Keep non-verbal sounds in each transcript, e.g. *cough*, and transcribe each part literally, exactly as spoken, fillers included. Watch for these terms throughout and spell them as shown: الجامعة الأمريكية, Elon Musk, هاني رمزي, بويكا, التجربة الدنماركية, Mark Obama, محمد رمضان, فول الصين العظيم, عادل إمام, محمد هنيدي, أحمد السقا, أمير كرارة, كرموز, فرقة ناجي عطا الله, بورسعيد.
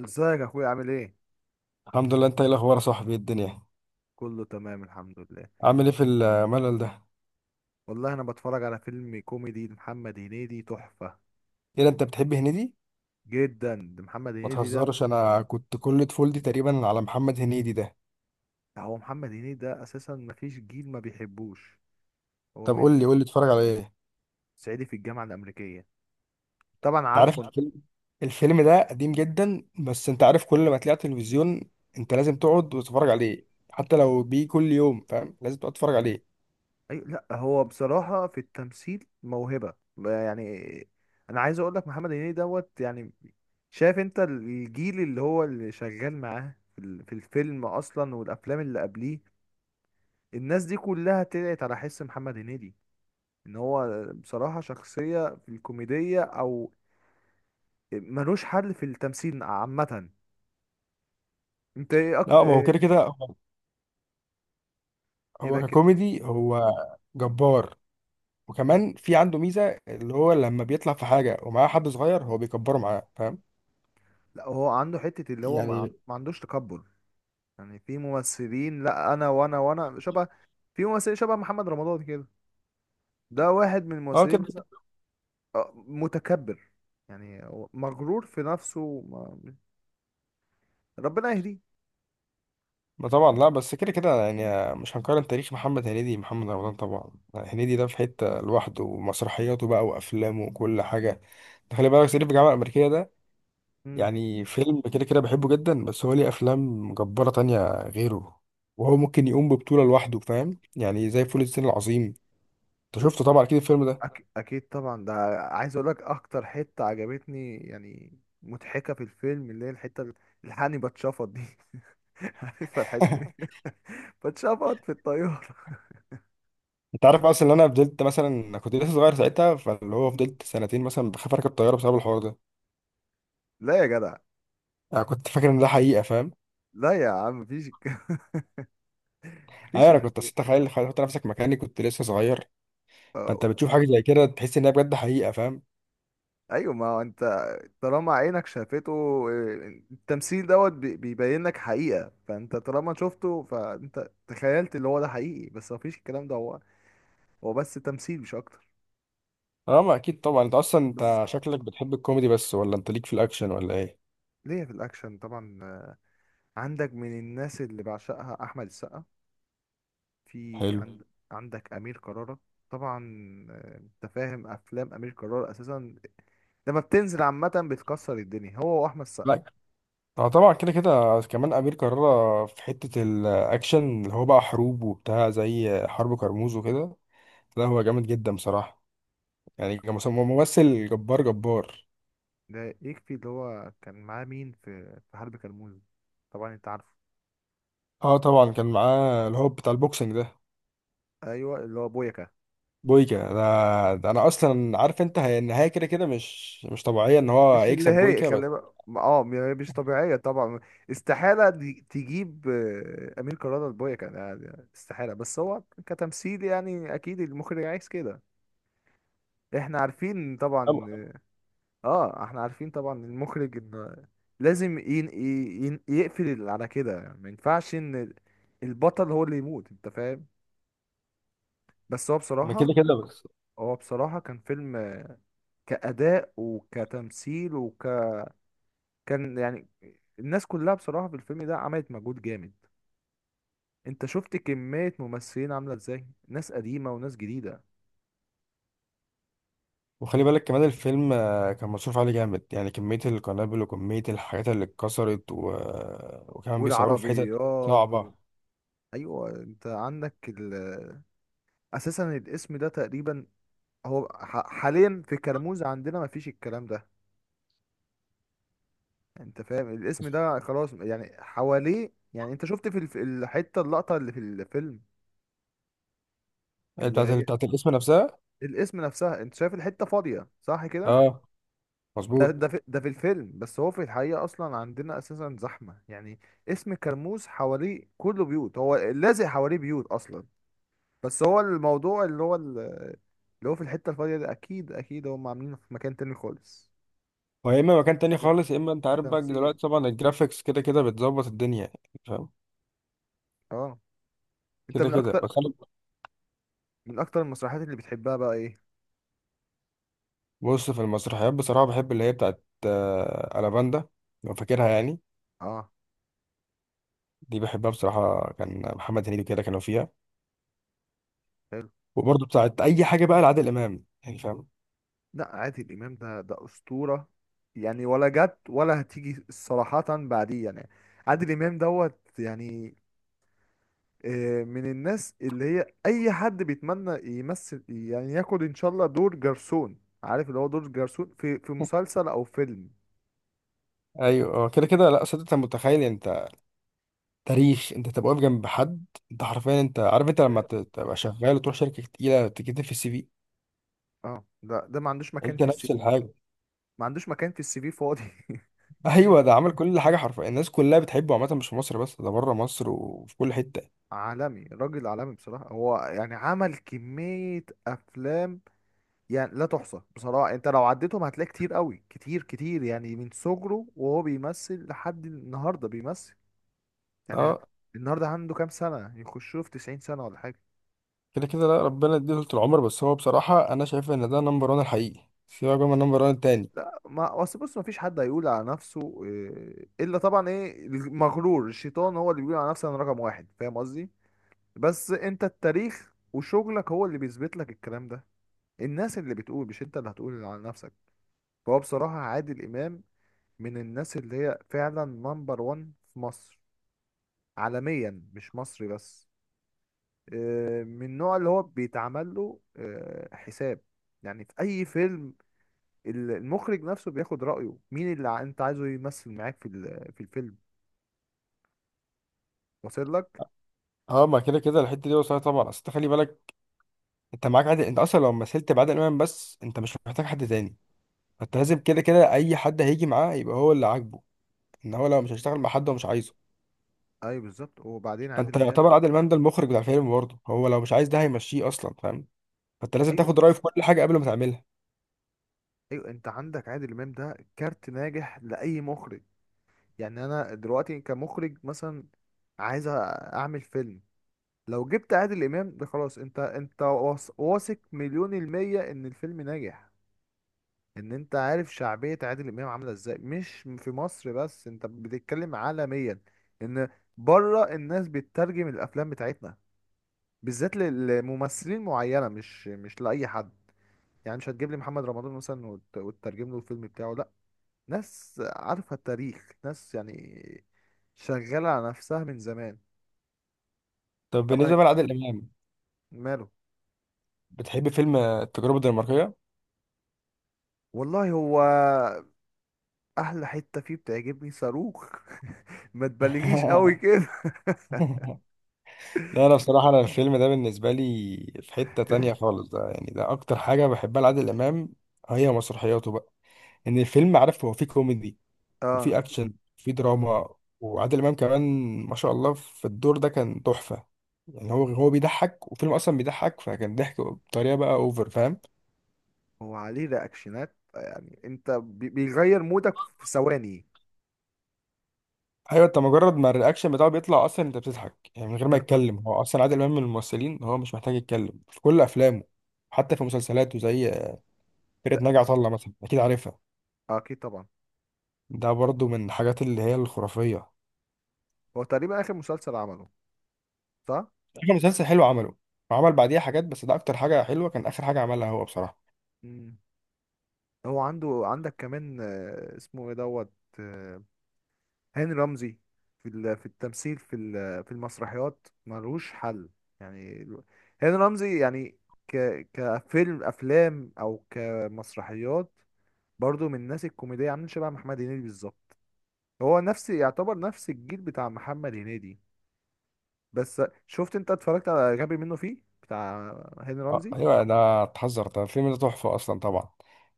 ازيك يا اخويا؟ عامل ايه؟ الحمد لله. انت ايه الاخبار يا صاحبي؟ ايه الدنيا؟ كله تمام، الحمد لله. عامل ايه في الملل ده؟ والله انا بتفرج على فيلم كوميدي لمحمد هنيدي، تحفة ايه ده انت بتحب هنيدي؟ جدا. ده محمد ما هنيدي ده. تهزرش، انا كنت كل طفولتي تقريبا على محمد هنيدي ده. هو محمد هنيدي ده اساسا مفيش جيل ما بيحبوش. هو طب من قول لي من قول لي اتفرج على ايه؟ صعيدي في الجامعة الامريكية. طبعا انت عارف عارفه انت. الفيلم؟ الفيلم ده قديم جدا، بس انت عارف كل ما تلاقي على التلفزيون انت لازم تقعد وتتفرج عليه. حتى لو بيه كل يوم، فاهم؟ لازم تقعد تتفرج عليه. اي، لا هو بصراحة في التمثيل موهبة يعني. انا عايز اقول لك محمد هنيدي دوت يعني. شايف انت الجيل اللي هو اللي شغال معاه في ال- في الفيلم اصلا والافلام اللي قبليه. الناس دي كلها طلعت على حس محمد هنيدي ان هو بصراحة شخصية في الكوميدية او ملوش حل في التمثيل عامة. انت ايه اكتر؟ لا، ما هو إيه كده كده هو، كده هو كده. ككوميدي هو جبار. مم. وكمان في عنده ميزة اللي هو لما بيطلع في حاجة ومعاه حد صغير هو بيكبره معاه، فاهم لا هو عنده حتة اللي هو ما, يعني؟ عن- ما عندوش تكبر يعني. في ممثلين، لا، انا وانا وانا شبه. في ممثلين شبه محمد رمضان كده. ده واحد من اه الممثلين كده. مثلا. آه، متكبر يعني. هو مغرور في نفسه، ما- ربنا يهديه. ما طبعا، لا بس كده كده يعني مش هنقارن تاريخ محمد هنيدي، محمد رمضان طبعا. هنيدي ده في حتة لوحده، ومسرحياته بقى وأفلامه وكل حاجة. ده خلي بالك صعيدي في الجامعة الأمريكية ده مم. يعني فيلم كده كده بحبه جدا، بس هو ليه أفلام جبارة تانية غيره. وهو ممكن يقوم ببطولة لوحده، فاهم يعني؟ زي فول الصين العظيم. انت شفته طبعا اكيد الفيلم ده. أك... اكيد طبعا ده. عايز اقول لك اكتر حته عجبتني يعني مضحكه في الفيلم، اللي هي الحته ال- الحقني بتشفط دي. *laughs* عارفها الحته دي *laughs* *laughs* بتشفط في الطياره. انت عارف اصلا ان انا فضلت مثلا، أنا كنت لسه صغير ساعتها، فاللي هو مم. فضلت سنتين مثلا بخاف اركب طياره بسبب الحوار ده. لا يا جدع. انا كنت فاكر ان ده حقيقه، فاهم؟ لا يا عم، مفيش الك- *laughs* مفيش ايوه انا الك- كنت، أصل تخيل تخيل تحط نفسك مكاني، كنت لسه صغير. فانت أو- بتشوف حاجه زي كده تحس انها بجد حقيقه، فاهم؟ ايوه ما هو انت، طالما عينك شافته. إيه، التمثيل دوت بي- بيبين لك حقيقه، فانت طالما شفته فانت تخيلت اللي هو ده حقيقي، بس مفيش الكلام ده. هو هو بس تمثيل مش اكتر. اه ما اكيد طبعا. انت اصلا بس انت شكلك بتحب الكوميدي بس، ولا انت ليك في الاكشن، ولا ايه؟ ليه، في الاكشن طبعا. عندك من الناس اللي بعشقها احمد السقا. في مم. حلو. عند عندك امير كرارة طبعا. آه، انت فاهم افلام امير كرارة اساسا لما بتنزل عامه بتكسر الدنيا، هو واحمد السقا. لا. اه طبعا، كده كده كمان امير كرارة في حته الاكشن اللي هو بقى حروب وبتاع، زي حرب كرموز وكده. لا هو جامد جدا بصراحه، يعني كمس- ممثل جبار جبار. ده يكفي اللي هو كان معاه مين في في حرب كرموز. طبعا انت عارفه. اه طبعا كان معاه اللي هو بتاع البوكسنج ده، ايوه اللي هو بويكا. بويكا. انا ده انا اصلا عارف انت، هي النهايه كده كده مش مش طبيعيه ان هو مش اللي يكسب هي بويكا، بس كلمة، اه م- يعني مش طبيعية طبعا. استحالة دي- تجيب آه، أمير كرارة لبويكا، ده- ده استحالة، بس هو كتمثيل يعني، أكيد المخرج عايز كده. احنا عارفين طبعا. طبعا. اه احنا عارفين طبعا المخرج ان لازم ين... ين... يقفل على كده. ما ينفعش ان البطل هو اللي يموت، انت فاهم. بس هو ما كده بصراحة، كده بس. هو بصراحة كان فيلم كأداء وكتمثيل وك كان يعني. الناس كلها بصراحة في الفيلم ده عملت مجهود جامد. انت شفت كمية ممثلين عاملة ازاي، ناس قديمة وناس جديدة. وخلي بالك كمان الفيلم آه، كان مصروف عليه جامد، يعني كميه القنابل وكميه الحاجات اللي اتكسرت و... وكمان بيصوروا في حتت والعربيات و... صعبه. ايوه انت عندك ال... اساسا الاسم ده تقريبا هو ح- حاليا في كرموز عندنا ما فيش الكلام ده. انت فاهم الاسم ده خلاص يعني حواليه. يعني انت شفت في الف- الحتة اللقطة اللي في الفيلم، آه، اللي بتاعت هي بتاعت الاسم نفسها. الاسم نفسها. انت شايف الحتة فاضية صح كده. اه ده مظبوط. ده في ده في الفيلم، بس هو في الحقيقة اصلا عندنا اساسا زحمة يعني. اسم كرموز حواليه كله بيوت، هو لازق حواليه بيوت اصلا. بس هو الموضوع اللي هو ال- اللي هو في الحتة الفاضية ده، اكيد اكيد هم عاملينه في مكان تاني خالص. ويا اما مكان تاني ده خالص، يا اما انت ده عارف بقى تمثيل. دلوقتي طبعا الجرافيكس كده كده بتظبط الدنيا، فاهم؟ اه. انت كده من كده اكتر بس انا. من اكتر المسرحيات اللي بتحبها بقى ايه؟ بص، في المسرحيات بصراحه بحب اللي هي بتاعت آه، الافاندا، لو فاكرها يعني. اه دي بحبها بصراحة، كان محمد هنيدي كده كانوا فيها. حلو. وبرضه بتاعت أي حاجة بقى لعادل إمام، يعني فاهم؟ لا عادل امام ده ده اسطوره يعني. ولا جت ولا هتيجي صراحه بعديه يعني. عادل امام دوت يعني. آه، من الناس اللي هي اي حد بيتمنى يمثل يعني ياخد ان شاء الله دور جرسون. عارف اللي هو دور جرسون في في *laughs* مسلسل او فيلم. أيوه آه، كده كده. لا صدق أنت متخيل أنت تاريخ، أنت تبقى واقف جنب حد. أنت حرفيا أنت عارف أنت لما ت- تبقى شغال وتروح شركة تقيلة تكتب في السي في، اه ده ده ما عندوش مكان أنت في السي نفس في. الحاجة. ما عندوش مكان في السي في فاضي. *laughs* *laughs* أيوه، ده عمل كل حاجة حرفيا، الناس كلها بتحبه عامة مش في مصر بس، ده بره مصر وفي كل حتة. عالمي، راجل عالمي بصراحه. هو يعني عمل كميه افلام يعني لا تحصى بصراحة. انت لو عديتهم هتلاقي كتير قوي، كتير كتير يعني. من صغره وهو بيمثل لحد النهاردة بيمثل يعني. أه النهاردة عنده كام سنة، يخشوا في تسعين سنة ولا حاجة. كده كده. لا ربنا يديه طول العمر، بس هو بصراحة أنا شايف إن ده نمبر واحد الحقيقي، سيبك بقى من نمبر واحد التاني. لا ما اصل بص، ما فيش حد هيقول على نفسه إيه، الا طبعا ايه المغرور، الشيطان هو اللي بيقول على نفسه انا رقم واحد، فاهم قصدي. بس انت التاريخ وشغلك هو اللي بيثبت لك الكلام ده. الناس اللي بتقول، مش انت اللي هتقول على نفسك. فهو بصراحة عادل امام من الناس اللي هي فعلا نمبر واحد في مصر، عالميا مش مصري بس. آه، من النوع اللي هو بيتعمل له آه، حساب. يعني في اي فيلم ال- المخرج نفسه بياخد رأيه مين اللي ع- انت عايزه يمثل معاك في ال- في الفيلم، واصل لك. اه ما كده كده الحته دي وصلت طبعا. اصل أنت خلي بالك، انت معاك عادل، انت اصلا لو مثلت بعادل امام بس انت مش محتاج حد تاني. فانت لازم كده كده اي حد هيجي معاه يبقى هو اللي عاجبه، ان هو لو مش هيشتغل مع حد هو مش عايزه. ايوه بالظبط. وبعدين عادل فانت امام. يعتبر عادل امام ده المخرج بتاع الفيلم برضه، هو لو مش عايز ده هيمشيه اصلا، فاهم؟ فانت لازم ايوه، تاخد رايه في كل حاجه قبل ما تعملها. ايوه، انت عندك عادل امام ده كارت ناجح لاي مخرج. يعني انا دلوقتي كمخرج مثلا عايز أ- اعمل فيلم. لو جبت عادل امام ده خلاص، انت انت واث- واثق مليون المية ان الفيلم ناجح. ان انت عارف شعبية عادل امام عاملة ازاي، مش في مصر بس انت بتتكلم عالميا. ان بره الناس بتترجم الافلام بتاعتنا بالذات لل- لممثلين معينة، مش مش لأي حد. يعني مش هتجيب لي محمد رمضان مثلا وت- وتترجم له الفيلم بتاعه، لا. ناس عارفة التاريخ، ناس يعني شغالة على نفسها من زمان. طب طبعا. بالنسبه بقى لعادل امام، ماله. بتحب فيلم آه، التجربه الدنماركيه؟ والله هو احلى حتة فيه بتعجبني صاروخ. *laughs* ما تبالغيش قوي *laughs* كده. لا انا بصراحه انا الفيلم ده بالنسبه لي في حته تانية *laughs* خالص. ده يعني ده اكتر حاجه بحبها لعادل امام، هي مسرحياته بقى. ان الفيلم عارف هو فيه كوميدي اه، وفي اكشن وفي اه، دراما، وعادل امام كمان ما شاء الله في الدور ده كان تحفه. يعني هو، هو بيضحك وفيلم اصلا بيضحك، فكان ضحك بطريقه بقى اوفر، فاهم؟ هو عليه رياكشنات. يعني انت بي- بيغير مودك في ثواني. ايوه، انت مجرد ما الرياكشن بتاعه بيطلع اصلا انت بتضحك، يعني من غير ما انت يتكلم. هو اصلا عادل امام من الممثلين هو مش محتاج يتكلم في كل افلامه. حتى في مسلسلاته زي ده. فرقه ناجي عطا الله مثلا، اكيد عارفها. آه، اكيد طبعا. ده برضو من الحاجات اللي هي الخرافيه. هو تقريبا اخر مسلسل عمله، صح. اخر مسلسل حلو عمله، وعمل بعديها حاجات بس ده اكتر حاجه حلوه كان اخر حاجه عملها هو بصراحه. مم. هو عنده عندك كمان آه، اسمه ايه دوت آه، هاني رمزي. في ال- في التمثيل، في ال- في المسرحيات ملوش حل. يعني ال- هاني رمزي يعني، ك كفيلم افلام او كمسرحيات. برضو من الناس الكوميديه عاملين شبه محمد هنيدي بالظبط. هو نفس، يعتبر نفس الجيل بتاع محمد هنيدي. بس شفت انت اتفرجت على غبي منه فيه بتاع هاني آه، رمزي؟ ايوه ده اتحذر ده، الفيلم ده تحفه اصلا طبعا،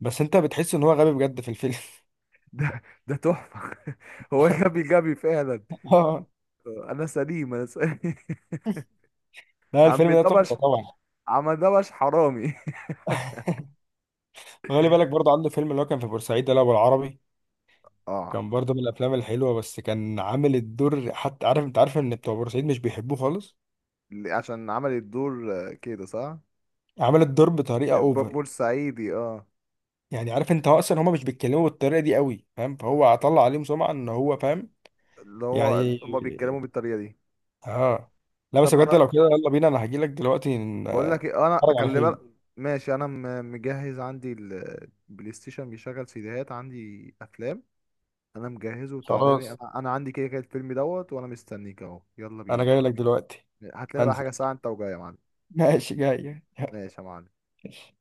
بس انت بتحس ان هو غبي بجد في الفيلم. *laughs* ده ده تحفة. *laughs* هو غبي غبي فعلا. *laughs* اه. انا سليم، انا سليم. *laughs* لا عم الفيلم ده تحفه دبش، طبعا. عم دبش حرامي. *laughs* خلي بالك برضه عنده فيلم اللي هو كان في بورسعيد ده اللي هو بالعربي، *laughs* اه. كان برضه من الافلام الحلوه. بس كان عامل الدور، حتى عارف انت عارف ان بتوع بورسعيد مش بيحبوه خالص، ل- عشان عمل الدور آه، كده صح. عامل الدور بطريقه الب- اوفر. بورسعيدي اه. يعني عارف انت هو اصلا هما مش بيتكلموا بالطريقه دي قوي، فاهم؟ فهو طلع عليهم سمعه ان هو، فاهم اللي هو يعني؟ هما بيتكلموا بالطريقة دي. اه. لا بس طب بجد انا لو كده يلا بينا، انا هجيلك دلوقتي نتفرج بقول لك ايه، انا على خلي بالك فيلم. ماشي. انا م- مجهز عندي ال- البلاي ستيشن بيشغل سيديهات، عندي افلام. انا مجهزه وتعالى لي. خلاص انا انا عندي كده كده الفيلم دوت، وانا مستنيك اهو، يلا انا بينا. جاي لك دلوقتي. هات لنا بقى حاجه هنزل. ساعه انت وجاي يا معلم. ماشي جاي. ماشي يا معلم. يلا.